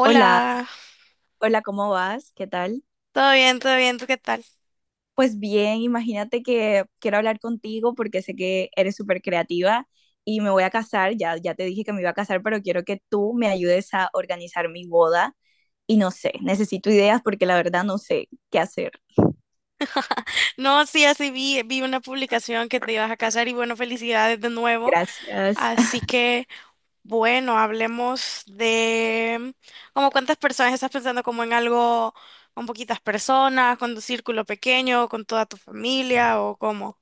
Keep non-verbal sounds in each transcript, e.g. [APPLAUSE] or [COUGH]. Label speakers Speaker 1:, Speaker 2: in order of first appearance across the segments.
Speaker 1: Hola, hola, ¿cómo vas? ¿Qué tal?
Speaker 2: todo bien, ¿tú qué tal?
Speaker 1: Pues bien, imagínate que quiero hablar contigo porque sé que eres súper creativa y me voy a casar, ya, ya te dije que me iba a casar, pero quiero que tú me ayudes a organizar mi boda y no sé, necesito ideas porque la verdad no sé qué hacer.
Speaker 2: No, sí, así vi, vi una publicación que te ibas a casar y bueno, felicidades de nuevo.
Speaker 1: Gracias.
Speaker 2: Así
Speaker 1: [LAUGHS]
Speaker 2: que bueno, hablemos de como cuántas personas estás pensando, como en algo con poquitas personas, con tu círculo pequeño, con toda tu familia o cómo.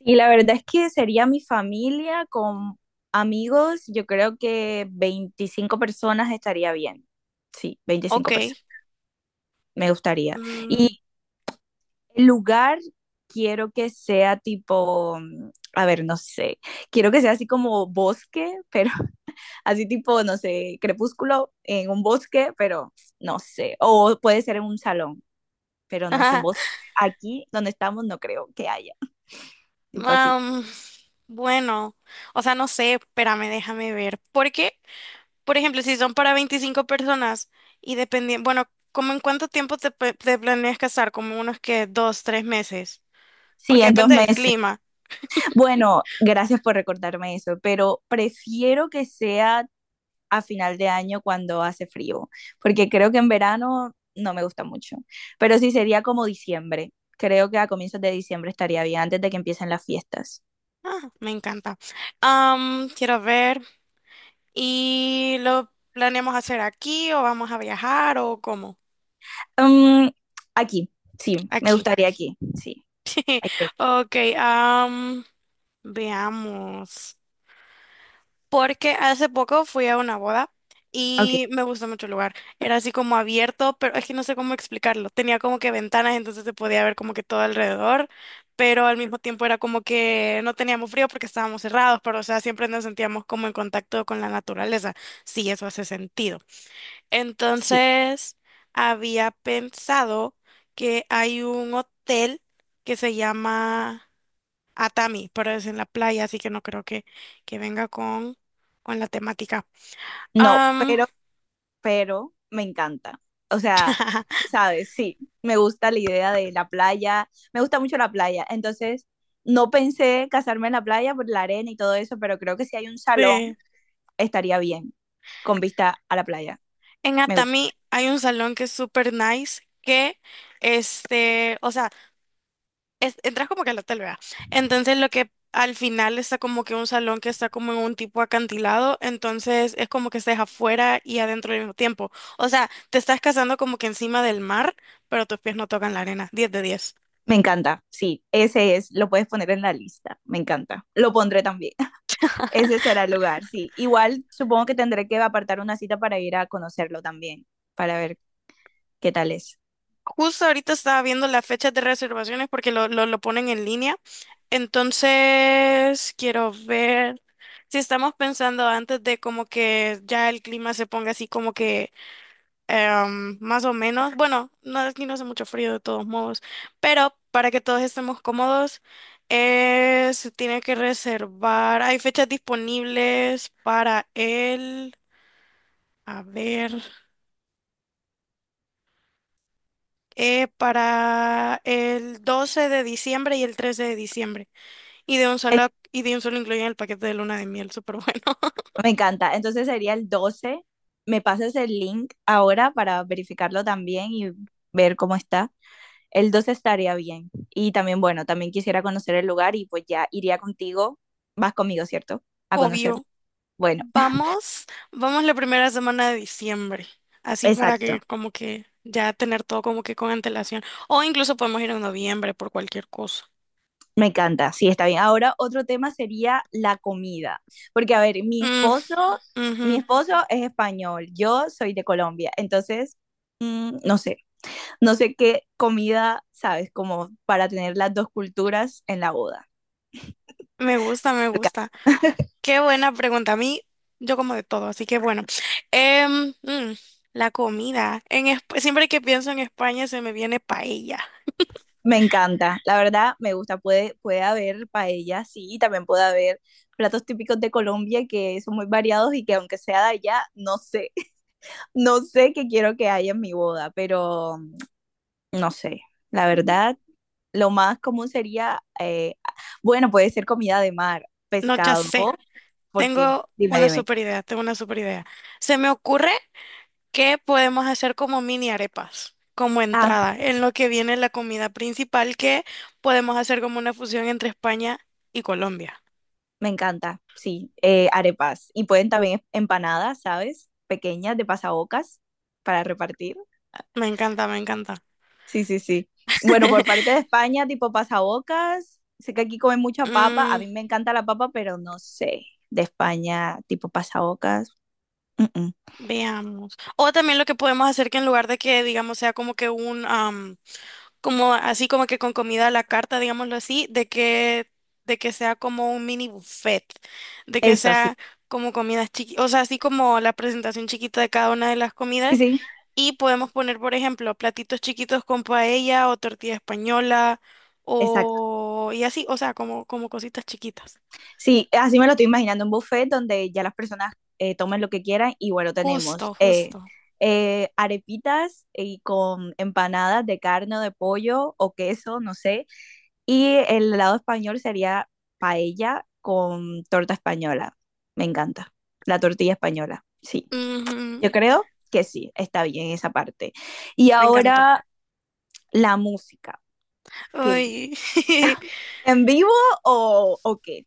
Speaker 1: Y la verdad es que sería mi familia con amigos, yo creo que 25 personas estaría bien. Sí,
Speaker 2: Ok.
Speaker 1: 25 personas, me gustaría.
Speaker 2: mm,
Speaker 1: El lugar quiero que sea tipo, a ver, no sé, quiero que sea así como bosque, pero [LAUGHS] así tipo, no sé, crepúsculo en un bosque, pero no sé, o puede ser en un salón, pero no sé, bosque.
Speaker 2: [LAUGHS]
Speaker 1: Aquí donde estamos no creo que haya, tipo así.
Speaker 2: am, bueno, o sea, no sé, espérame, déjame ver. Porque por ejemplo, si son para 25 personas y dependiendo, bueno, ¿como en cuánto tiempo te planeas casar? Como unos que dos, tres meses,
Speaker 1: Sí,
Speaker 2: porque
Speaker 1: en dos
Speaker 2: depende del
Speaker 1: meses.
Speaker 2: clima.
Speaker 1: Bueno, gracias por recordarme eso, pero prefiero que sea a final de año cuando hace frío, porque creo que en verano no me gusta mucho, pero sí sería como diciembre. Creo que a comienzos de diciembre estaría bien, antes de que empiecen las fiestas.
Speaker 2: Ah, me encanta. Quiero ver. ¿Y lo planeamos hacer aquí o vamos a viajar o cómo?
Speaker 1: Um, aquí, sí, me
Speaker 2: Aquí.
Speaker 1: gustaría aquí, sí.
Speaker 2: [LAUGHS]
Speaker 1: Okay,
Speaker 2: Ok, veamos. Porque hace poco fui a una boda
Speaker 1: ok,
Speaker 2: y me gustó mucho el lugar. Era así como abierto, pero es que no sé cómo explicarlo. Tenía como que ventanas, entonces se podía ver como que todo alrededor, pero al mismo tiempo era como que no teníamos frío porque estábamos cerrados, pero o sea, siempre nos sentíamos como en contacto con la naturaleza, si eso hace sentido.
Speaker 1: sí.
Speaker 2: Entonces había pensado que hay un hotel que se llama a Tami, pero es en la playa, así que no creo que venga con la temática.
Speaker 1: No,
Speaker 2: Am,
Speaker 1: pero me encanta. O sea,
Speaker 2: [LAUGHS]
Speaker 1: ¿sabes? Sí, me gusta la idea de la playa, me gusta mucho la playa, entonces no pensé casarme en la playa por la arena y todo eso, pero creo que si hay un salón
Speaker 2: de-
Speaker 1: estaría bien con vista a la playa.
Speaker 2: en
Speaker 1: Me gusta.
Speaker 2: Atami hay un salón que es súper nice, que este, o sea, entras como que al hotel, ¿verdad? Entonces lo que al final está como que un salón que está como en un tipo acantilado, entonces es como que estás afuera y adentro al mismo tiempo. O sea, te estás casando como que encima del mar, pero tus pies no tocan la arena. 10 de 10.
Speaker 1: Me encanta. Sí, ese es. Lo puedes poner en la lista. Me encanta. Lo pondré también. [LAUGHS] Ese será el lugar, sí. Igual supongo que tendré que apartar una cita para ir a conocerlo también, para ver qué tal es.
Speaker 2: Justo ahorita estaba viendo las fechas de reservaciones porque lo ponen en línea. Entonces quiero ver si estamos pensando antes de como que ya el clima se ponga así como que más o menos. Bueno, no, aquí no hace mucho frío de todos modos, pero para que todos estemos cómodos, se tiene que reservar. Hay fechas disponibles para el... A ver. Para el 12 de diciembre y el 13 de diciembre. Y de un
Speaker 1: El-
Speaker 2: solo, y de un solo incluyen el paquete de luna de miel, súper bueno,
Speaker 1: me encanta. Entonces sería el 12. Me pasas el link ahora para verificarlo también y ver cómo está. El 12 estaría bien. Y también, bueno, también quisiera conocer el lugar y pues ya iría contigo. Vas conmigo, ¿cierto?
Speaker 2: [LAUGHS]
Speaker 1: A conocerlo.
Speaker 2: obvio.
Speaker 1: Bueno,
Speaker 2: Vamos, vamos la primera semana de diciembre, así para
Speaker 1: exacto,
Speaker 2: que como que ya tener todo como que con antelación. O incluso podemos ir en noviembre por cualquier cosa.
Speaker 1: me encanta, sí, está bien. Ahora otro tema sería la comida, porque a ver,
Speaker 2: Mm, ujú.
Speaker 1: mi esposo es español, yo soy de Colombia, entonces, mm, no sé, no sé qué comida, sabes, como para tener las dos culturas en la boda.
Speaker 2: Me gusta, me
Speaker 1: Porque
Speaker 2: gusta. Qué buena pregunta. A mí, yo como de todo, así que bueno. Em, mm, la comida. Siempre que pienso en España se me viene paella.
Speaker 1: me encanta, la verdad, me gusta, puede, puede haber paella, sí, y también puede haber platos típicos de Colombia que son muy variados y que aunque sea de allá, no sé, [LAUGHS] no sé qué quiero que haya en mi boda, pero no sé, la
Speaker 2: No,
Speaker 1: verdad, lo más común sería, bueno, puede ser comida de mar,
Speaker 2: ya
Speaker 1: pescado,
Speaker 2: sé.
Speaker 1: ¿porque no?
Speaker 2: Tengo
Speaker 1: Dime,
Speaker 2: una
Speaker 1: dime.
Speaker 2: super idea, tengo una super idea. Se me ocurre que podemos hacer como mini arepas, como
Speaker 1: Ah,
Speaker 2: entrada, en lo que viene la comida principal, que podemos hacer como una fusión entre España y Colombia.
Speaker 1: me encanta, sí, arepas. Y pueden también empanadas, ¿sabes? Pequeñas de pasabocas para repartir.
Speaker 2: Me encanta, me encanta.
Speaker 1: Sí, sí, sí. Bueno, por parte de España, tipo pasabocas, sé que aquí comen mucha papa, a
Speaker 2: Mm,
Speaker 1: mí me encanta la papa, pero no sé, de España, tipo pasabocas. Mm, mm.
Speaker 2: veamos. O también lo que podemos hacer, que en lugar de que, digamos, sea como que un, como así como que con comida a la carta, digámoslo así, de que sea como un mini buffet, de que
Speaker 1: Eso, sí,
Speaker 2: sea como comidas chiquitas, o sea, así como la presentación chiquita de cada una de las
Speaker 1: sí,
Speaker 2: comidas.
Speaker 1: sí,
Speaker 2: Y podemos poner, por ejemplo, platitos chiquitos con paella o tortilla española
Speaker 1: exacto.
Speaker 2: o y así, o sea, como, como cositas chiquitas.
Speaker 1: Sí, así me lo estoy imaginando, un buffet donde ya las personas tomen lo que quieran y bueno,
Speaker 2: Justo,
Speaker 1: tenemos
Speaker 2: justo.
Speaker 1: arepitas y con empanadas de carne o de pollo o queso, no sé, y el lado español sería paella con torta española. Me encanta, la tortilla española, sí,
Speaker 2: Ujú,
Speaker 1: yo creo que sí, está bien esa parte. Y
Speaker 2: me encantó.
Speaker 1: ahora la música, ¿qué?
Speaker 2: Ay. [LAUGHS]
Speaker 1: ¿En vivo o qué?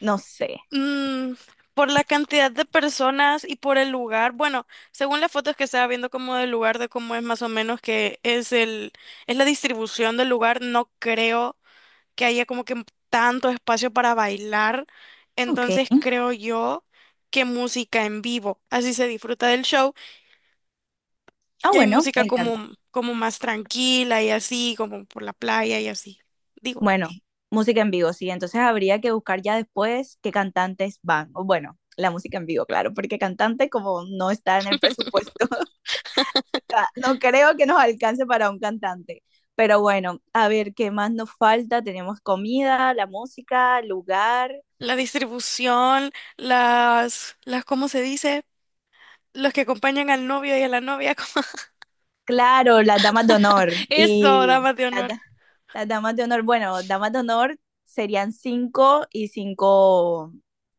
Speaker 1: No sé,
Speaker 2: Mm, por la cantidad de personas y por el lugar, bueno, según las fotos que estaba viendo como del lugar, de cómo es más o menos que es el, es la distribución del lugar, no creo que haya como que tanto espacio para bailar.
Speaker 1: ok.
Speaker 2: Entonces creo yo que música en vivo, así se disfruta del show
Speaker 1: Ah,
Speaker 2: y hay
Speaker 1: bueno,
Speaker 2: música
Speaker 1: me encanta.
Speaker 2: como, como más tranquila y así, como por la playa y así. Digo,
Speaker 1: Bueno, música en vivo, sí. Entonces habría que buscar ya después qué cantantes van. O bueno, la música en vivo, claro, porque cantante como no está en el presupuesto, [LAUGHS] o sea, no creo que nos alcance para un cantante. Pero bueno, a ver, ¿qué más nos falta? Tenemos comida, la música, lugar,
Speaker 2: la distribución, ¿cómo se dice? Los que acompañan al novio y a la novia, [LAUGHS] como
Speaker 1: claro, las damas de honor
Speaker 2: eso,
Speaker 1: y...
Speaker 2: damas de honor,
Speaker 1: Las damas de honor, bueno, damas de honor serían cinco y cinco,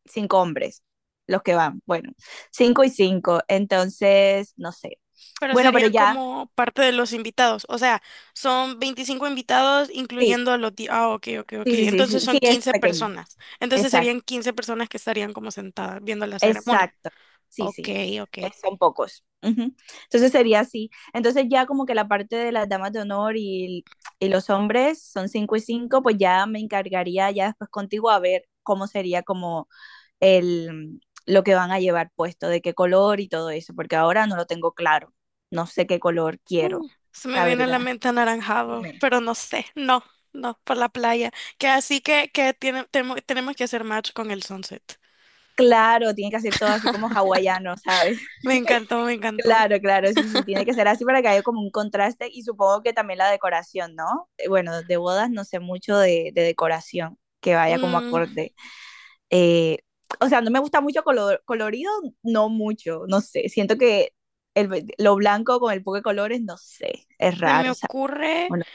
Speaker 1: cinco hombres los que van. Bueno, cinco y cinco. Entonces, no sé.
Speaker 2: pero
Speaker 1: Bueno, pero
Speaker 2: serían
Speaker 1: ya,
Speaker 2: como parte de los invitados. O sea, son 25 invitados,
Speaker 1: sí,
Speaker 2: incluyendo a los... Ah, ok.
Speaker 1: sí, sí, sí,
Speaker 2: Entonces
Speaker 1: sí, sí
Speaker 2: son
Speaker 1: es
Speaker 2: 15
Speaker 1: pequeño.
Speaker 2: personas. Entonces
Speaker 1: Exacto,
Speaker 2: serían 15 personas que estarían como sentadas viendo la ceremonia.
Speaker 1: exacto. Sí,
Speaker 2: Ok,
Speaker 1: sí.
Speaker 2: ok.
Speaker 1: Son pocos. Ujú. Entonces sería así. Entonces ya como que la parte de las damas de honor y los hombres son cinco y cinco, pues ya me encargaría ya después contigo a ver cómo sería como el, lo que van a llevar puesto, de qué color y todo eso, porque ahora no lo tengo claro. No sé qué color
Speaker 2: Mm,
Speaker 1: quiero,
Speaker 2: se me
Speaker 1: la
Speaker 2: viene a
Speaker 1: verdad.
Speaker 2: la mente anaranjado,
Speaker 1: Dime.
Speaker 2: pero no sé, no, no, por la playa. Que así que, tenemos que hacer match con el sunset.
Speaker 1: Claro, tiene que hacer todo así como hawaiano, ¿sabes? [LAUGHS]
Speaker 2: Me encantó, me encantó.
Speaker 1: Claro, claro, sí, sí, tiene que ser así para que haya como un contraste y supongo que también la decoración, ¿no? Bueno, de bodas no sé mucho de decoración, que vaya como
Speaker 2: Mm,
Speaker 1: acorde. Eh, o sea, no me gusta mucho color, colorido, no mucho, no sé, siento que el, lo blanco con el poco de colores, no sé, es
Speaker 2: se
Speaker 1: raro.
Speaker 2: me ocurre.
Speaker 1: Hola.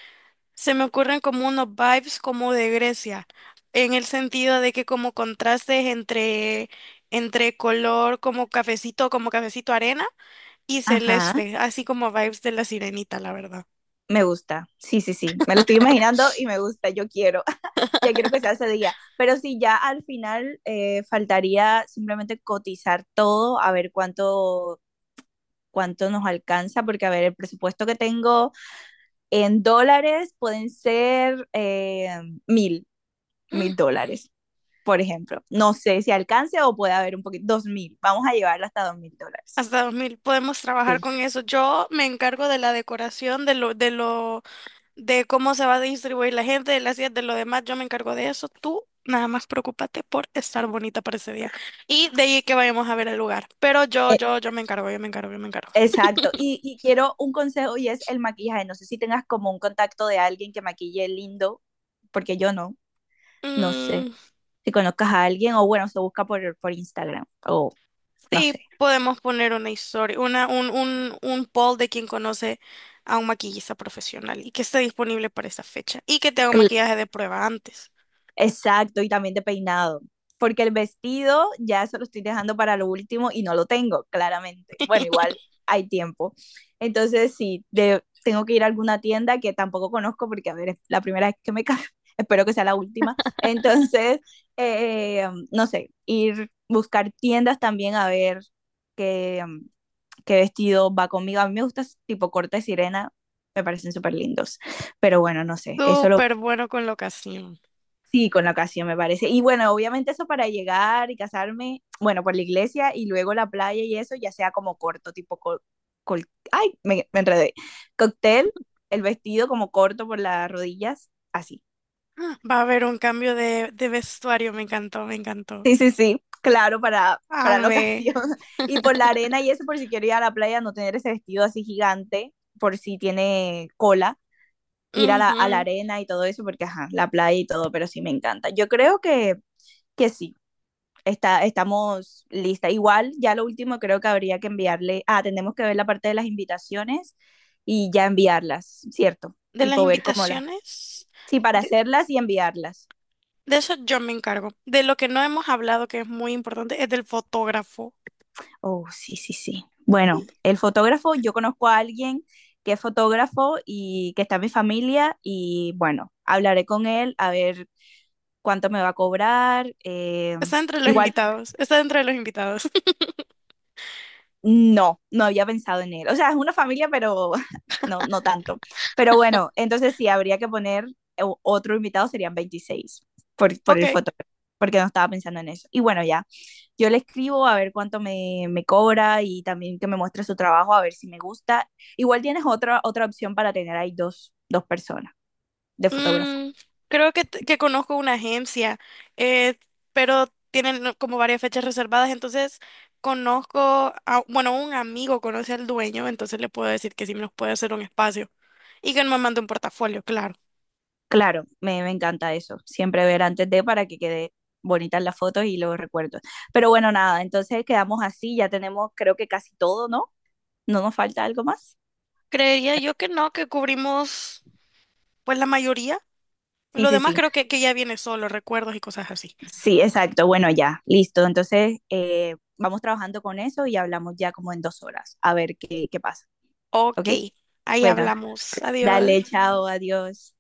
Speaker 2: Se me ocurren como unos vibes como de Grecia, en el sentido de que como contrastes entre, entre color como cafecito arena y
Speaker 1: Ajá,
Speaker 2: celeste, así como vibes de la sirenita, la verdad.
Speaker 1: me gusta. Sí, sí, sí. Me lo estoy imaginando y me gusta. Yo quiero. [LAUGHS] Ya quiero que sea ese día. Pero sí, ya al final faltaría simplemente cotizar todo, a ver cuánto, cuánto nos alcanza, porque a ver, el presupuesto que tengo en dólares pueden ser mil, $1000, por ejemplo. No sé si alcance o puede haber un poquito, dos mil. Vamos a llevarlo hasta $2000.
Speaker 2: Hasta 2000 podemos trabajar
Speaker 1: Sí.
Speaker 2: con eso. Yo me encargo de la decoración, de lo, de cómo se va a distribuir la gente, de las sillas, de lo demás, yo me encargo de eso. Tú nada más preocúpate por estar bonita para ese día. Y de ahí que vayamos a ver el lugar. Pero yo, yo me encargo, yo me encargo, yo me encargo.
Speaker 1: Exacto, y quiero un consejo y es el maquillaje. No sé si tengas como un contacto de alguien que maquille lindo, porque yo no, no sé.
Speaker 2: Mm,
Speaker 1: Si conozcas a alguien o bueno, se busca por Instagram o no
Speaker 2: sí,
Speaker 1: sé.
Speaker 2: podemos poner una historia, un poll de quien conoce a un maquillista profesional y que esté disponible para esa fecha y que tenga un maquillaje de prueba antes.
Speaker 1: Exacto, y también de peinado. Porque el vestido ya eso lo estoy dejando para lo último y no lo tengo, claramente. Bueno, igual hay tiempo. Entonces, sí, de- tengo que ir a alguna tienda que tampoco conozco porque, a ver, es la primera vez que me caso. [LAUGHS] Espero que sea la última. Entonces, [LAUGHS] no sé, ir buscar tiendas también a ver qué, qué vestido va conmigo. A mí me gusta tipo corte sirena, me parecen súper lindos. Pero bueno, no sé, eso lo
Speaker 2: Súper bueno con la ocasión.
Speaker 1: sí, con la ocasión me parece. Y bueno, obviamente eso para llegar y casarme, bueno, por la iglesia y luego la playa y eso, ya sea como corto, tipo, col- ay, me enredé. Cóctel, el vestido como corto por las rodillas, así.
Speaker 2: Va a haber un cambio de vestuario, me encantó, me encantó.
Speaker 1: Sí, sí, sí, claro, para la
Speaker 2: Amé.
Speaker 1: ocasión. [LAUGHS] Y por la arena y eso, por si quiero ir a la playa, no tener ese vestido así gigante, por si tiene cola, ir a la
Speaker 2: Ujú.
Speaker 1: arena y todo eso, porque ajá, la playa y todo, pero sí me encanta. Yo creo que sí. Está, estamos lista. Igual, ya lo último creo que habría que enviarle, ah, tenemos que ver la parte de las invitaciones y ya enviarlas, ¿cierto?
Speaker 2: De las
Speaker 1: Tipo ver cómo las,
Speaker 2: invitaciones,
Speaker 1: sí, para
Speaker 2: de,
Speaker 1: hacerlas y enviarlas.
Speaker 2: de eso yo me encargo. De lo que no hemos hablado, que es muy importante, es del fotógrafo.
Speaker 1: Oh, sí, sí, sí. Bueno, el fotógrafo, yo conozco a alguien que es fotógrafo y que está en mi familia y bueno, hablaré con él a ver cuánto me va a cobrar.
Speaker 2: Está entre los
Speaker 1: Igual
Speaker 2: invitados, está entre los invitados.
Speaker 1: no, no había pensado en él. O sea, es una familia, pero [LAUGHS] no, no tanto. Pero bueno, entonces sí, habría que poner otro invitado, serían 26
Speaker 2: [LAUGHS]
Speaker 1: por el
Speaker 2: Ok.
Speaker 1: fotógrafo, porque no estaba pensando en eso. Y bueno, ya, yo le escribo a ver cuánto me, me cobra y también que me muestre su trabajo, a ver si me gusta. Igual tienes otra, otra opción para tener ahí dos, dos personas de fotógrafo.
Speaker 2: Mm, creo que, que conozco una agencia, eh, pero tienen, ¿no?, como varias fechas reservadas, entonces conozco, bueno, un amigo conoce al dueño, entonces le puedo decir que sí nos puede hacer un espacio y que me mande un portafolio, claro.
Speaker 1: Claro, me encanta eso. Siempre ver antes de para que quede bonitas las fotos y los recuerdos. Pero bueno, nada, entonces quedamos así, ya tenemos creo que casi todo, ¿no? ¿No nos falta algo más?
Speaker 2: Creería yo que no, que cubrimos pues la mayoría.
Speaker 1: Sí,
Speaker 2: Lo
Speaker 1: sí,
Speaker 2: demás
Speaker 1: sí.
Speaker 2: creo que ya viene solo, recuerdos y cosas así.
Speaker 1: Sí, exacto. Bueno, ya, listo. Entonces, vamos trabajando con eso y hablamos ya como en 2 horas, a ver qué, qué pasa, ¿ok?
Speaker 2: Ok, ahí
Speaker 1: Bueno,
Speaker 2: hablamos. Adiós.
Speaker 1: dale, chao, adiós.